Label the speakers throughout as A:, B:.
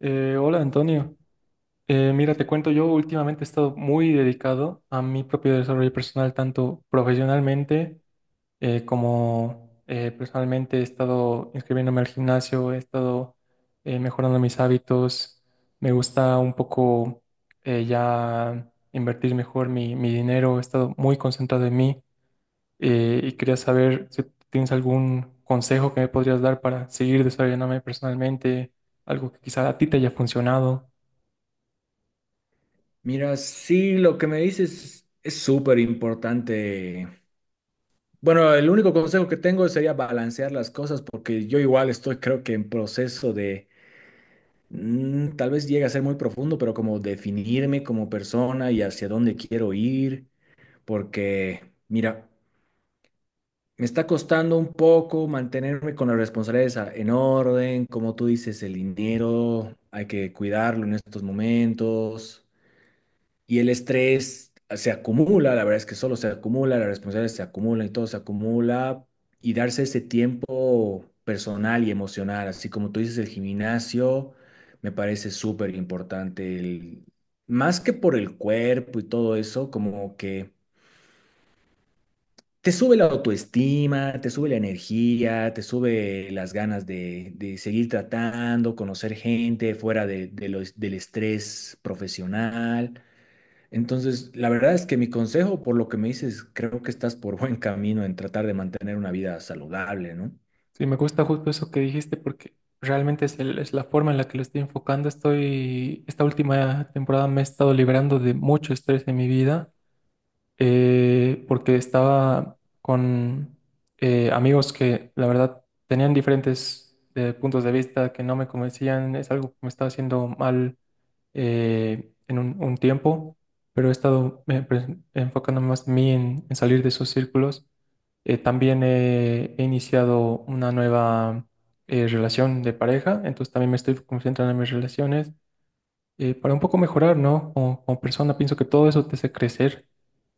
A: Hola Antonio. Mira, te cuento, yo últimamente he estado muy dedicado a mi propio desarrollo personal, tanto profesionalmente como personalmente. He estado inscribiéndome al gimnasio, he estado mejorando mis hábitos, me gusta un poco ya invertir mejor mi dinero, he estado muy concentrado en mí, y quería saber si tienes algún consejo que me podrías dar para seguir desarrollándome personalmente, algo que quizá a ti te haya funcionado.
B: Mira, sí, lo que me dices es súper importante. Bueno, el único consejo que tengo sería balancear las cosas porque yo igual estoy creo que en proceso de, tal vez llegue a ser muy profundo, pero como definirme como persona y hacia dónde quiero ir, porque mira, me está costando un poco mantenerme con las responsabilidades en orden, como tú dices, el dinero, hay que cuidarlo en estos momentos. Y el estrés se acumula, la verdad es que solo se acumula, la responsabilidad se acumula y todo se acumula, y darse ese tiempo personal y emocional, así como tú dices, el gimnasio me parece súper importante, más que por el cuerpo y todo eso, como que te sube la autoestima, te sube la energía, te sube las ganas de seguir tratando, conocer gente fuera de del estrés profesional. Entonces, la verdad es que mi consejo, por lo que me dices, creo que estás por buen camino en tratar de mantener una vida saludable, ¿no?
A: Sí, me gusta justo eso que dijiste porque realmente es, es la forma en la que lo estoy enfocando. Estoy, esta última temporada me he estado librando de mucho estrés en mi vida, porque estaba con amigos que la verdad tenían diferentes puntos de vista que no me convencían. Es algo que me estaba haciendo mal en un tiempo, pero he estado enfocando más mí en salir de esos círculos. También he iniciado una nueva relación de pareja, entonces también me estoy concentrando en mis relaciones para un poco mejorar, ¿no? Como, como persona, pienso que todo eso te hace crecer.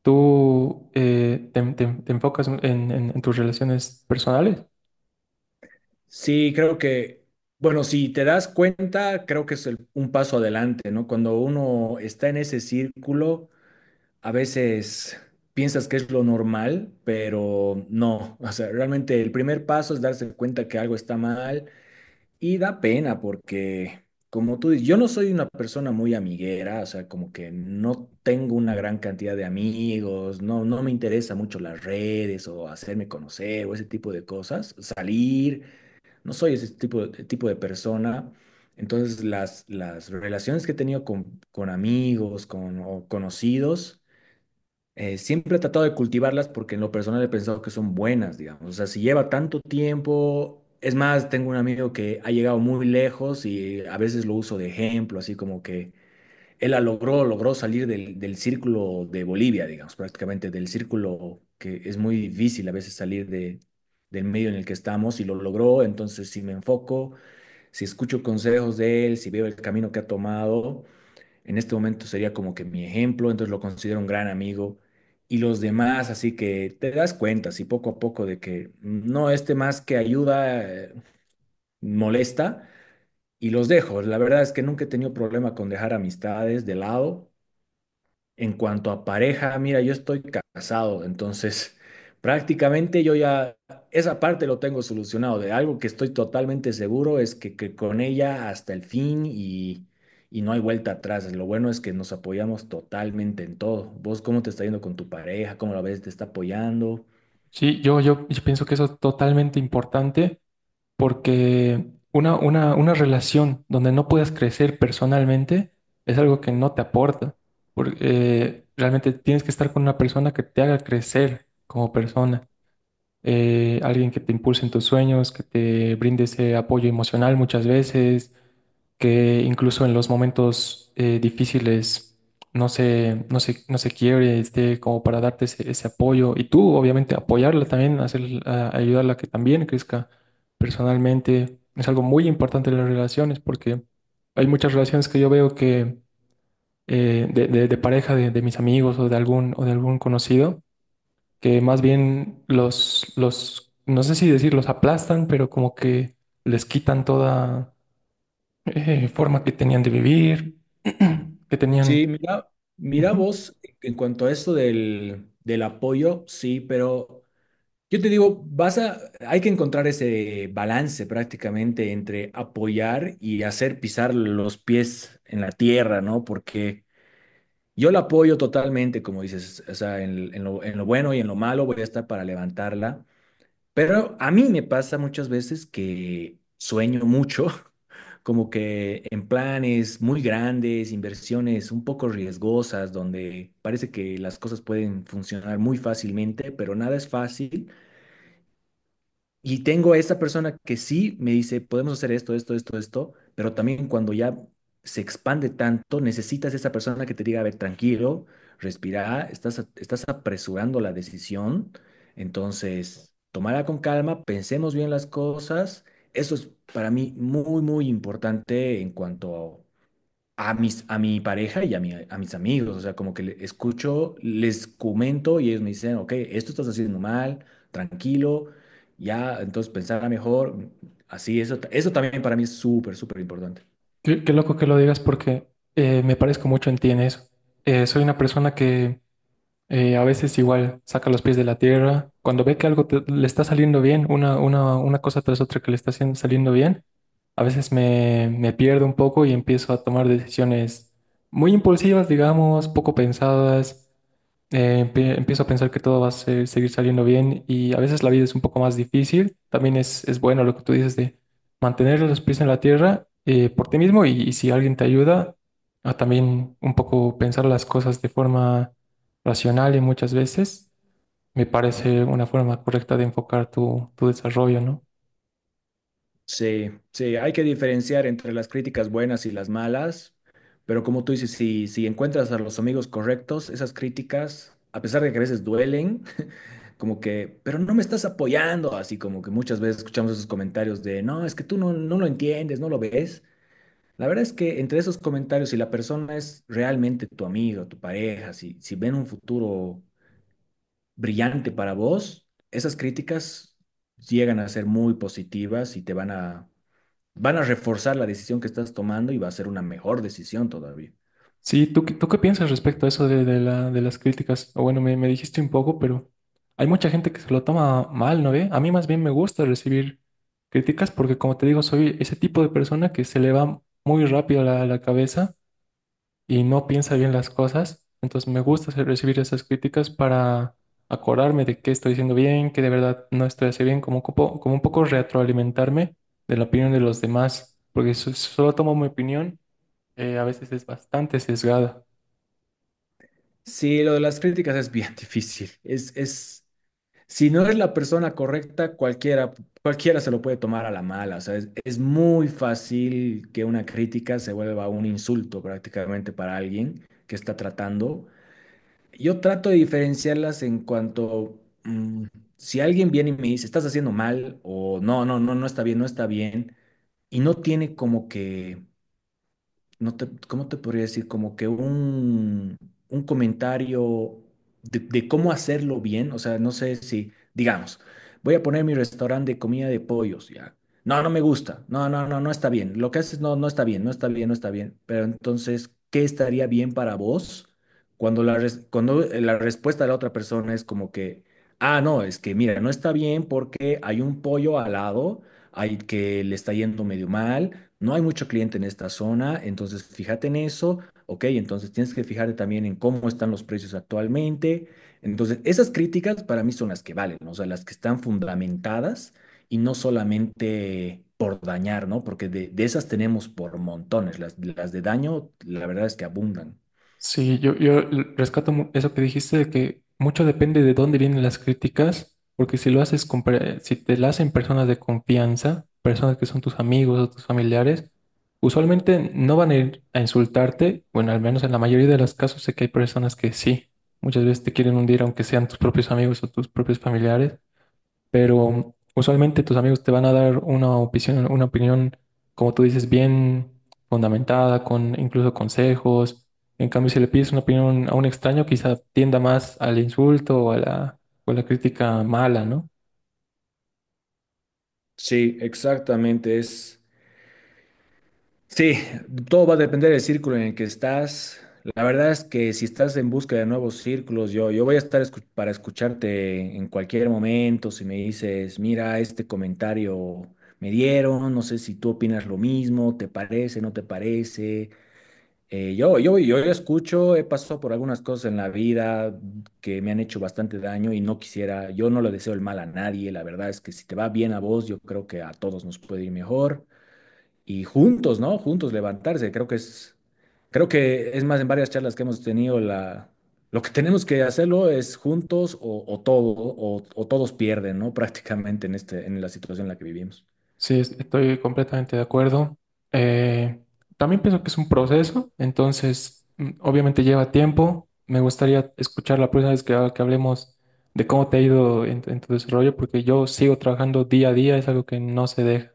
A: ¿Tú te enfocas en, en tus relaciones personales?
B: Sí, creo que, bueno, si te das cuenta, creo que es un paso adelante, ¿no? Cuando uno está en ese círculo, a veces piensas que es lo normal, pero no, o sea, realmente el primer paso es darse cuenta que algo está mal. Y da pena porque, como tú dices, yo no soy una persona muy amiguera, o sea, como que no tengo una gran cantidad de amigos, no, no me interesa mucho las redes o hacerme conocer o ese tipo de cosas, salir, no soy ese tipo de persona. Entonces, las relaciones que he tenido con amigos, con o conocidos, siempre he tratado de cultivarlas porque en lo personal he pensado que son buenas, digamos. O sea, si lleva tanto tiempo, es más, tengo un amigo que ha llegado muy lejos y a veces lo uso de ejemplo, así como que él la logró, logró salir del círculo de Bolivia, digamos, prácticamente del círculo que es muy difícil a veces salir de, del medio en el que estamos y lo logró. Entonces, si me enfoco, si escucho consejos de él, si veo el camino que ha tomado en este momento sería como que mi ejemplo, entonces lo considero un gran amigo. Y los demás, así que te das cuenta, así poco a poco, de que no, este más que ayuda, molesta, y los dejo. La verdad es que nunca he tenido problema con dejar amistades de lado, en cuanto a pareja, mira, yo estoy casado, entonces prácticamente yo ya esa parte lo tengo solucionado. De algo que estoy totalmente seguro es que con ella hasta el fin y no hay vuelta atrás. Lo bueno es que nos apoyamos totalmente en todo. ¿Vos cómo te está yendo con tu pareja? ¿Cómo la ves? ¿Te está apoyando?
A: Sí, yo pienso que eso es totalmente importante. Porque una relación donde no puedas crecer personalmente es algo que no te aporta. Porque realmente tienes que estar con una persona que te haga crecer como persona. Alguien que te impulse en tus sueños, que te brinde ese apoyo emocional muchas veces, que incluso en los momentos difíciles no se quiebre, esté como para darte ese apoyo. Y tú, obviamente, apoyarla también, ayudarla a que también crezca personalmente. Es algo muy importante en las relaciones porque hay muchas relaciones que yo veo que de pareja de mis amigos o de algún conocido, que más bien no sé si decir los aplastan, pero como que les quitan toda forma que tenían de vivir, que
B: Sí,
A: tenían...
B: mira, mira
A: Ujú.
B: vos, en cuanto a esto del apoyo, sí, pero yo te digo, hay que encontrar ese balance prácticamente entre apoyar y hacer pisar los pies en la tierra, ¿no? Porque yo la apoyo totalmente, como dices, o sea, en lo bueno y en lo malo voy a estar para levantarla. Pero a mí me pasa muchas veces que sueño mucho, como que en planes muy grandes, inversiones un poco riesgosas, donde parece que las cosas pueden funcionar muy fácilmente, pero nada es fácil. Y tengo a esa persona que sí me dice, podemos hacer esto, esto, esto, esto, pero también cuando ya se expande tanto, necesitas esa persona que te diga, a ver, tranquilo, respira, estás apresurando la decisión, entonces, tomala con calma, pensemos bien las cosas. Eso es para mí muy, muy importante en cuanto a a mi pareja y a mis amigos, o sea, como que escucho, les comento y ellos me dicen, ok, esto estás haciendo mal, tranquilo, ya, entonces pensar mejor, así, eso, eso también para mí es súper, súper importante.
A: Qué, qué loco que lo digas porque me parezco mucho en ti en eso. Soy una persona que a veces igual saca los pies de la tierra. Cuando ve que algo le está saliendo bien, una cosa tras otra que le está saliendo bien, a veces me pierdo un poco y empiezo a tomar decisiones muy impulsivas, digamos, poco pensadas. Empiezo a pensar que todo va a seguir saliendo bien y a veces la vida es un poco más difícil. También es bueno lo que tú dices de mantener los pies en la tierra, por ti mismo y si alguien te ayuda, a también un poco pensar las cosas de forma racional y muchas veces me parece una forma correcta de enfocar tu desarrollo, ¿no?
B: Sí, sí, hay que diferenciar entre las críticas buenas y las malas, pero como tú dices, si encuentras a los amigos correctos, esas críticas, a pesar de que a veces duelen, como que, pero no me estás apoyando, así como que muchas veces escuchamos esos comentarios de, no, es que tú no, no lo entiendes, no lo ves. La verdad es que entre esos comentarios, si la persona es realmente tu amigo, tu pareja, si ven un futuro brillante para vos, esas críticas llegan a ser muy positivas y te van a reforzar la decisión que estás tomando y va a ser una mejor decisión todavía.
A: Sí, ¿tú, tú qué piensas respecto a eso de, de las críticas? O bueno, me dijiste un poco, pero hay mucha gente que se lo toma mal, ¿no ve? A mí más bien me gusta recibir críticas porque, como te digo, soy ese tipo de persona que se le va muy rápido la cabeza y no piensa bien las cosas. Entonces me gusta recibir esas críticas para acordarme de qué estoy haciendo bien, que de verdad no estoy haciendo bien, como un poco retroalimentarme de la opinión de los demás, porque si solo tomo mi opinión, a veces es bastante sesgada.
B: Sí, lo de las críticas es bien difícil. Es, si no es la persona correcta, cualquiera se lo puede tomar a la mala. O sea, es muy fácil que una crítica se vuelva un insulto prácticamente para alguien que está tratando. Yo trato de diferenciarlas en cuanto, si alguien viene y me dice, estás haciendo mal o no, no está bien, no está bien, y no tiene como que no te, ¿cómo te podría decir? Como que un comentario de cómo hacerlo bien. O sea, no sé si, digamos, voy a poner mi restaurante de comida de pollos, ya. No, no me gusta. No está bien. Lo que haces no, no está bien, no está bien, no está bien. Pero entonces, ¿qué estaría bien para vos cuando la respuesta de la otra persona es como que, ah, no, es que mira, no está bien porque hay un pollo al lado, hay que le está yendo medio mal, no hay mucho cliente en esta zona, entonces fíjate en eso, ok, entonces tienes que fijarte también en cómo están los precios actualmente. Entonces, esas críticas para mí son las que valen, ¿no? O sea, las que están fundamentadas y no solamente por dañar, ¿no? Porque de esas tenemos por montones, las de daño, la verdad es que abundan.
A: Sí, yo rescato eso que dijiste de que mucho depende de dónde vienen las críticas, porque si lo haces si te la hacen personas de confianza, personas que son tus amigos o tus familiares, usualmente no van a ir a insultarte, bueno, al menos en la mayoría de los casos sé que hay personas que sí, muchas veces te quieren hundir aunque sean tus propios amigos o tus propios familiares, pero usualmente tus amigos te van a dar una opinión, como tú dices, bien fundamentada, con incluso consejos. En cambio, si le pides una opinión a un extraño, quizá tienda más al insulto o a la crítica mala, ¿no?
B: Sí, exactamente. Es, sí, todo va a depender del círculo en el que estás. La verdad es que si estás en busca de nuevos círculos, yo voy a estar para escucharte en cualquier momento. Si me dices, mira, este comentario me dieron, no sé si tú opinas lo mismo, te parece, no te parece. Yo escucho, he pasado por algunas cosas en la vida que me han hecho bastante daño y no quisiera, yo no le deseo el mal a nadie. La verdad es que si te va bien a vos, yo creo que a todos nos puede ir mejor y juntos, ¿no? Juntos levantarse. Creo que es más en varias charlas que hemos tenido lo que tenemos que hacerlo es juntos o todo o todos pierden, ¿no? Prácticamente en este, en la situación en la que vivimos.
A: Sí, estoy completamente de acuerdo. Eh, también pienso que es un proceso, entonces obviamente lleva tiempo. Me gustaría escuchar la próxima vez que, que hablemos de cómo te ha ido en tu desarrollo, porque yo sigo trabajando día a día, es algo que no se deja.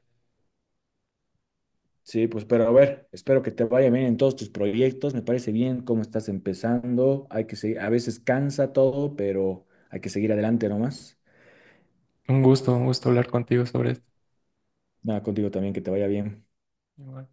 B: Sí, pues, pero a ver, espero que te vaya bien en todos tus proyectos. Me parece bien cómo estás empezando. Hay que seguir, a veces cansa todo, pero hay que seguir adelante nomás.
A: Un gusto hablar contigo sobre esto.
B: Nada, contigo también, que te vaya bien.
A: Igual.